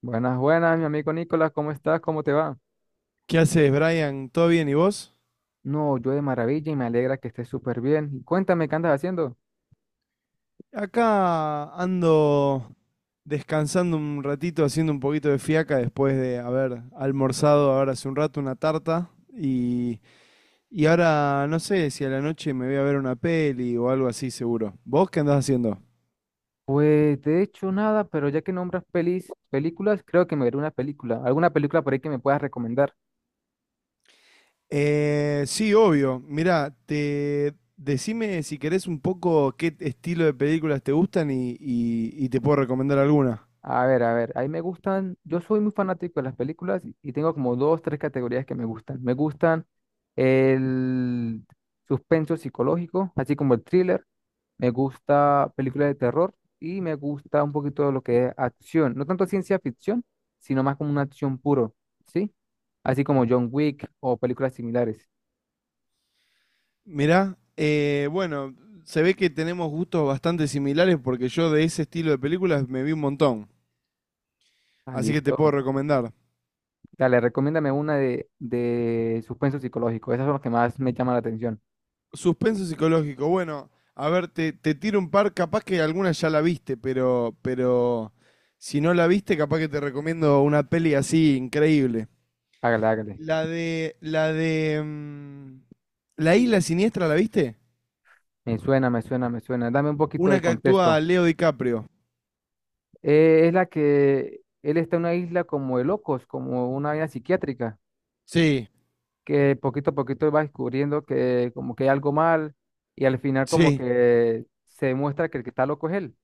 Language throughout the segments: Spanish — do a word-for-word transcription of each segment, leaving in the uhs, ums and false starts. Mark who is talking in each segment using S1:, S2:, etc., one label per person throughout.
S1: Buenas, buenas, mi amigo Nicolás, ¿cómo estás? ¿Cómo te va?
S2: ¿Qué haces, Brian? ¿Todo bien? ¿Y vos?
S1: No, yo de maravilla y me alegra que estés súper bien. Y cuéntame, ¿qué andas haciendo?
S2: Acá ando descansando un ratito, haciendo un poquito de fiaca después de haber almorzado ahora hace un rato una tarta. Y, y ahora no sé si a la noche me voy a ver una peli o algo así, seguro. ¿Vos qué andás haciendo?
S1: Pues de hecho nada, pero ya que nombras pelis, películas, creo que me veré una película, alguna película por ahí que me puedas recomendar.
S2: Eh, sí, obvio. Mirá, te decime si querés un poco qué estilo de películas te gustan y, y- y te puedo recomendar alguna.
S1: A ver, a ver, ahí me gustan, yo soy muy fanático de las películas y y tengo como dos, tres categorías que me gustan. Me gustan el suspenso psicológico, así como el thriller. Me gusta películas de terror y me gusta un poquito de lo que es acción. No tanto ciencia ficción, sino más como una acción puro, ¿sí? Así como John Wick o películas similares.
S2: Mirá, eh, bueno, se ve que tenemos gustos bastante similares porque yo de ese estilo de películas me vi un montón.
S1: Ah,
S2: Así que te puedo
S1: listo.
S2: recomendar.
S1: Dale, recomiéndame una de, de suspenso psicológico. Esas son las que más me llaman la atención.
S2: Suspenso psicológico. Bueno, a ver, te, te tiro un par. Capaz que alguna ya la viste, pero, pero si no la viste, capaz que te recomiendo una peli así increíble.
S1: Hágale, hágale.
S2: La de, la de, mm, La Isla Siniestra, ¿la viste?
S1: Me suena, me suena, me suena. Dame un poquito de
S2: Una que actúa
S1: contexto.
S2: Leo DiCaprio.
S1: Eh, es la que él está en una isla como de locos, como una isla psiquiátrica.
S2: Sí,
S1: Que poquito a poquito va descubriendo que como que hay algo mal y al final como
S2: sí,
S1: que se demuestra que el que está loco es él.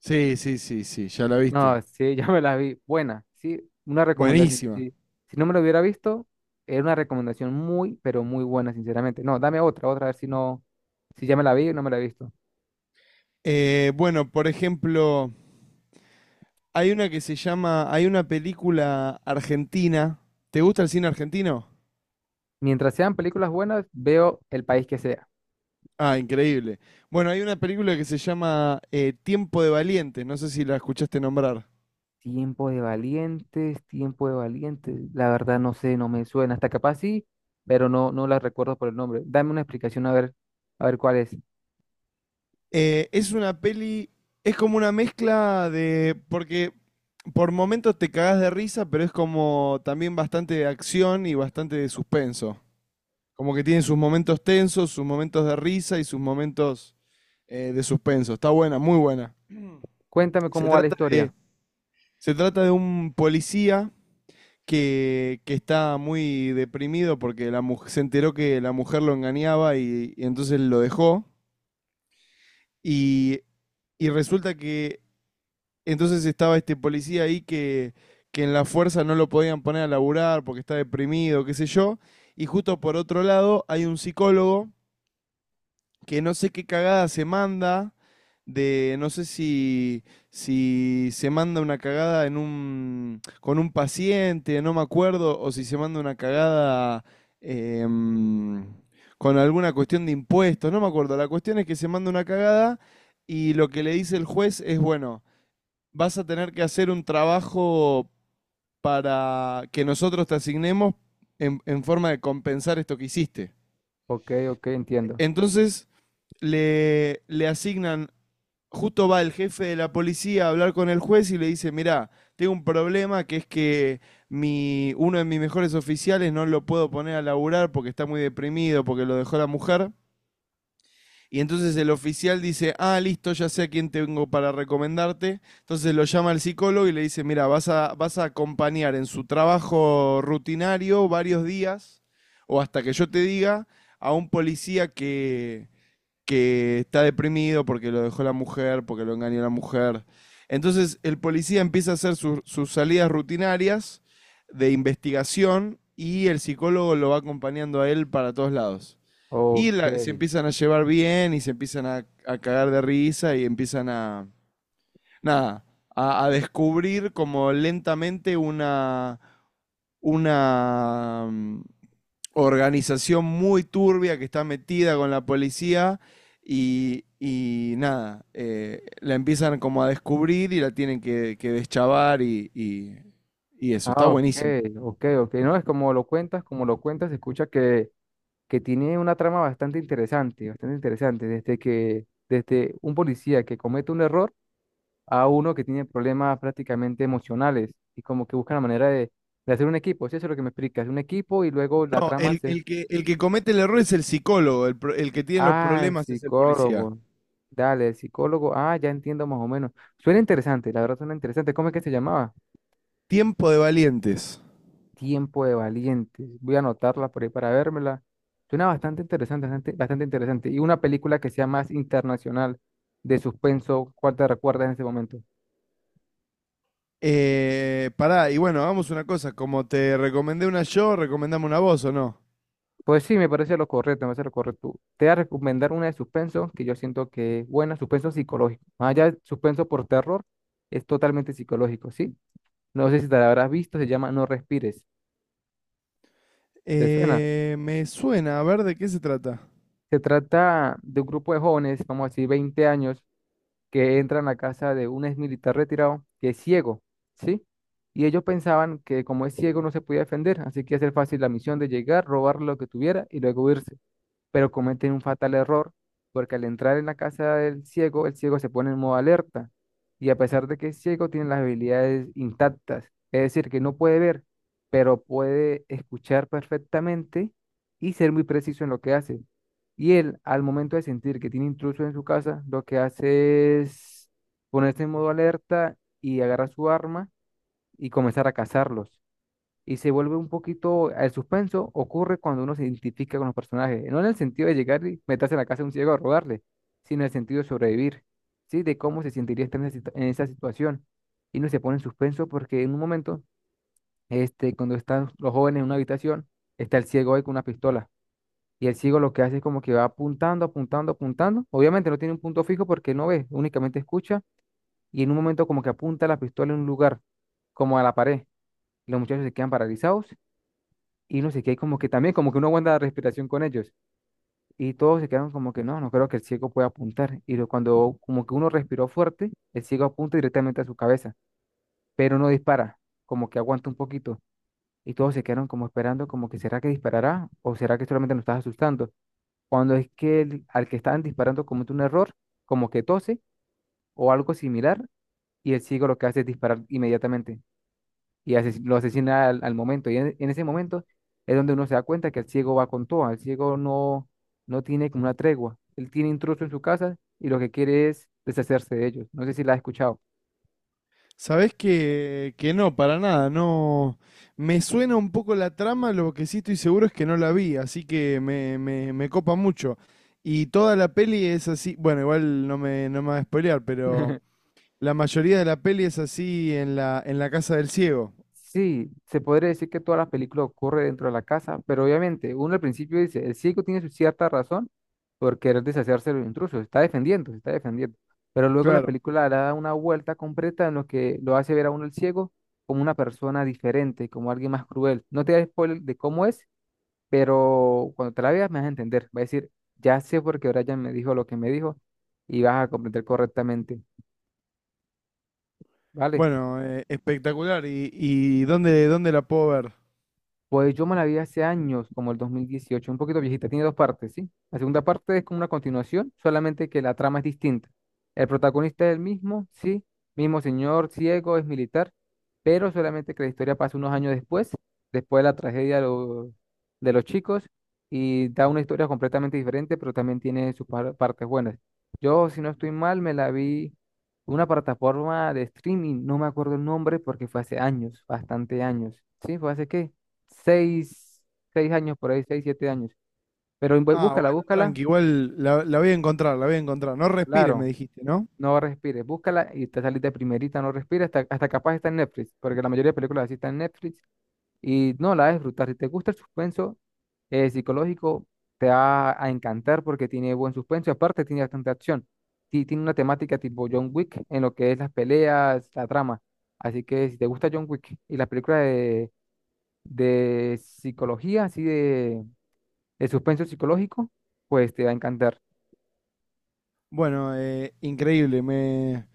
S2: sí, sí, sí, sí, ya la viste.
S1: No, sí, ya me la vi. Buena, sí, una recomendación.
S2: Buenísima.
S1: Sí. Si no me lo hubiera visto, era una recomendación muy, pero muy buena, sinceramente. No, dame otra, otra, a ver si no, si ya me la vi o no me la he visto.
S2: Eh, bueno, por ejemplo, hay una que se llama, hay una película argentina. ¿Te gusta el cine argentino?
S1: Mientras sean películas buenas, veo el país que sea.
S2: Ah, increíble. Bueno, hay una película que se llama eh, Tiempo de Valientes, no sé si la escuchaste nombrar.
S1: Tiempo de valientes, tiempo de valientes. La verdad no sé, no me suena. Hasta capaz sí, pero no, no la recuerdo por el nombre. Dame una explicación a ver, a ver cuál es.
S2: Eh, es una peli, es como una mezcla de, porque por momentos te cagás de risa, pero es como también bastante de acción y bastante de suspenso. Como que tiene sus momentos tensos, sus momentos de risa y sus momentos eh, de suspenso. Está buena, muy buena.
S1: Cuéntame
S2: Se
S1: cómo va la
S2: trata de,
S1: historia.
S2: Se trata de un policía que, que está muy deprimido porque la mu- se enteró que la mujer lo engañaba y, y entonces lo dejó. Y, y resulta que entonces estaba este policía ahí que, que en la fuerza no lo podían poner a laburar porque está deprimido, qué sé yo. Y justo por otro lado hay un psicólogo que no sé qué cagada se manda, de no sé si, si se manda una cagada en un, con un paciente, no me acuerdo, o si se manda una cagada em, con alguna cuestión de impuestos, no me acuerdo. La cuestión es que se manda una cagada y lo que le dice el juez es, bueno, vas a tener que hacer un trabajo para que nosotros te asignemos en, en forma de compensar esto que hiciste.
S1: Ok, ok, entiendo.
S2: Entonces le, le asignan, justo va el jefe de la policía a hablar con el juez y le dice, mirá, tengo un problema que es que mi, uno de mis mejores oficiales no lo puedo poner a laburar porque está muy deprimido, porque lo dejó la mujer. Y entonces el oficial dice, ah, listo, ya sé a quién tengo para recomendarte. Entonces lo llama al psicólogo y le dice, mira, vas a, vas a acompañar en su trabajo rutinario varios días o hasta que yo te diga a un policía que, que está deprimido porque lo dejó la mujer, porque lo engañó la mujer. Entonces el policía empieza a hacer sus- sus salidas rutinarias de investigación y el psicólogo lo va acompañando a él para todos lados. Y
S1: Ok.
S2: la- se empiezan a llevar bien y se empiezan a, a cagar de risa y empiezan a, nada, a, a descubrir como lentamente una, una mm, organización muy turbia que está metida con la policía y, y nada, eh, la empiezan como a descubrir y la tienen que, que deschavar y, y- y eso, está
S1: Ah, ok,
S2: buenísimo.
S1: ok, ok. No, es como lo cuentas, como lo cuentas, se escucha que, que tiene una trama bastante interesante, bastante interesante. Desde que, desde un policía que comete un error a uno que tiene problemas prácticamente emocionales y como que busca la manera de, de hacer un equipo. Sí, eso es lo que me explicas, un equipo y luego la
S2: No,
S1: trama
S2: el,
S1: se...
S2: el que, el que comete el error es el psicólogo, el, pro- el que tiene los
S1: Ah, el
S2: problemas es el policía.
S1: psicólogo. Dale, el psicólogo. Ah, ya entiendo más o menos. Suena interesante, la verdad suena interesante. ¿Cómo es que se llamaba?
S2: Tiempo de valientes.
S1: Tiempo de Valientes. Voy a anotarla por ahí para vérmela. Suena bastante interesante, bastante, bastante interesante. Y una película que sea más internacional de suspenso, ¿cuál te recuerdas en ese momento?
S2: Eh, pará, y bueno, hagamos una cosa, como te recomendé una yo, recomendame una vos o no.
S1: Pues sí, me parece lo correcto, me parece lo correcto. Te voy a recomendar una de suspenso que yo siento que es buena, suspenso psicológico. Más allá de suspenso por terror, es totalmente psicológico, ¿sí? No sé si te la habrás visto, se llama No Respires. ¿Te suena?
S2: Eh, me suena, a ver de qué se trata.
S1: Se trata de un grupo de jóvenes, vamos a decir veinte años, que entran a casa de un ex militar retirado que es ciego, ¿sí? Y ellos pensaban que como es ciego no se podía defender, así que hacer fácil la misión de llegar, robar lo que tuviera y luego irse. Pero cometen un fatal error porque al entrar en la casa del ciego, el ciego se pone en modo alerta y a pesar de que es ciego, tiene las habilidades intactas, es decir, que no puede ver, pero puede escuchar perfectamente y ser muy preciso en lo que hace. Y él, al momento de sentir que tiene intruso en su casa, lo que hace es ponerse en modo alerta y agarra su arma y comenzar a cazarlos y se vuelve un poquito, el suspenso ocurre cuando uno se identifica con los personajes, no en el sentido de llegar y meterse en la casa de un ciego a robarle, sino en el sentido de sobrevivir, ¿sí? De cómo se sentiría estar en esa, situ- en esa situación. Y uno se pone en suspenso porque en un momento, este, cuando están los jóvenes en una habitación, está el ciego ahí con una pistola. Y el ciego lo que hace es como que va apuntando, apuntando, apuntando. Obviamente no tiene un punto fijo porque no ve, únicamente escucha. Y en un momento como que apunta la pistola en un lugar, como a la pared. Los muchachos se quedan paralizados y no sé qué, como que también, como que uno aguanta la respiración con ellos. Y todos se quedaron como que no, no creo que el ciego pueda apuntar. Y lo- cuando como que uno respiró fuerte, el ciego apunta directamente a su cabeza, pero no dispara, como que aguanta un poquito. Y todos se quedaron como esperando, como que será que disparará o será que solamente nos estás asustando. Cuando es que el- al que estaban disparando comete un error, como que tose o algo similar, y el ciego lo que hace es disparar inmediatamente. Y ases- lo asesina al, al momento. Y en, en ese momento es donde uno se da cuenta que el ciego va con todo, el ciego no, no tiene como una tregua, él tiene intrusos en su casa y lo que quiere es deshacerse de ellos. No sé si la has escuchado.
S2: Sabés que, que no, para nada, no. Me suena un poco la trama, lo que sí estoy seguro es que no la vi, así que me, me, me copa mucho. Y toda la peli es así, bueno, igual no me, no me va a spoilear, pero la mayoría de la peli es así en la, en la casa del ciego,
S1: Sí, se podría decir que toda la película ocurre dentro de la casa, pero obviamente uno al principio dice, el ciego tiene su cierta razón por querer deshacerse de los intrusos, se está defendiendo, se está defendiendo, pero luego la
S2: claro.
S1: película le da una vuelta completa en lo que lo hace ver a uno el ciego como una persona diferente, como alguien más cruel. No te da spoiler de cómo es, pero cuando te la veas me vas a entender, va a decir, ya sé por qué Brian me dijo lo que me dijo y vas a comprender correctamente, ¿vale?
S2: Bueno, eh, espectacular. ¿Y, y dónde, dónde la puedo ver?
S1: Pues yo me la vi hace años, como el dos mil dieciocho un poquito viejita, tiene dos partes, ¿sí? La segunda parte es como una continuación, solamente que la trama es distinta. El protagonista es el mismo, sí, mismo señor ciego, es militar, pero solamente que la historia pasa unos años después, después de la tragedia de los, de los chicos, y da una historia completamente diferente, pero también tiene sus par- partes buenas. Yo, si no estoy mal, me la vi en una plataforma de streaming, no me acuerdo el nombre porque fue hace años, bastante años, ¿sí? Fue hace qué seis, seis años por ahí, seis, siete años. Pero bu-
S2: Ah,
S1: búscala,
S2: bueno,
S1: búscala,
S2: tranqui, igual la, la voy a encontrar, la voy a encontrar. No respires, me
S1: claro,
S2: dijiste, ¿no?
S1: no respires, búscala y te salís de primerita, no respires, hasta, hasta capaz está en Netflix, porque la mayoría de películas así están en Netflix y no la vas a disfrutar. Si te gusta el suspenso eh, psicológico, te va a encantar porque tiene buen suspenso y aparte tiene bastante acción. Sí, tiene una temática tipo John Wick en lo que es las peleas, la trama. Así que si te gusta John Wick y las películas de, de psicología, así de el suspenso psicológico, pues te va a encantar.
S2: Bueno, eh, increíble, me,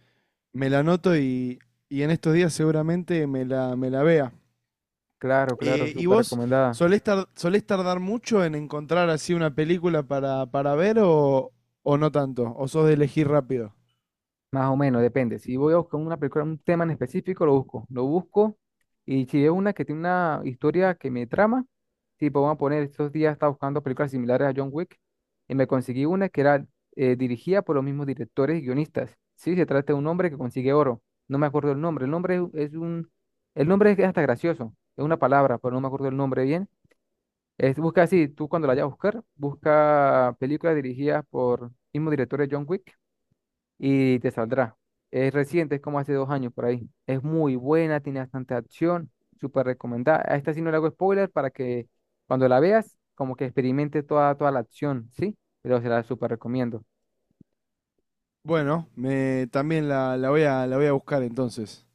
S2: me la anoto y, y en estos días seguramente me la, me la vea.
S1: Claro, claro,
S2: Eh, ¿y
S1: súper
S2: vos
S1: recomendada.
S2: solés, tar- solés tardar mucho en encontrar así una película para, para ver o, o no tanto? ¿O sos de elegir rápido?
S1: Más o menos, depende. Si voy a buscar una película, un tema en específico, lo busco. Lo busco. Y si es una que tiene una historia que me trama, tipo, vamos a poner, estos días estaba buscando películas similares a John Wick y me conseguí una que era eh, dirigida por los mismos directores y guionistas. Sí, se trata de un hombre que consigue oro. No me acuerdo el nombre. El nombre es es un... El nombre es hasta gracioso. Es una palabra, pero no me acuerdo el nombre bien. Es, busca así, tú cuando la vayas a buscar, busca películas dirigidas por mismo director de John Wick y te saldrá. Es reciente, es como hace dos años por ahí. Es muy buena, tiene bastante acción, súper recomendada. A esta sí no le hago spoiler para que cuando la veas, como que experimente toda, toda la acción, ¿sí? Pero se la súper recomiendo.
S2: Bueno, me, también la, la voy a, la voy a buscar entonces.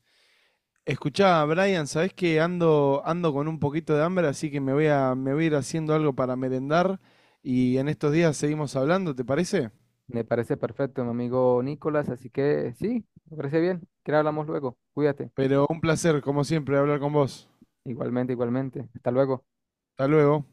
S2: Escuchá, Brian, sabés que ando, ando con un poquito de hambre, así que me voy a, me voy a ir haciendo algo para merendar y en estos días seguimos hablando, ¿te parece?
S1: Me parece perfecto, mi amigo Nicolás, así que sí, me parece bien. Que hablamos luego. Cuídate.
S2: Pero un placer, como siempre, hablar con vos.
S1: Igualmente, igualmente. Hasta luego.
S2: Hasta luego.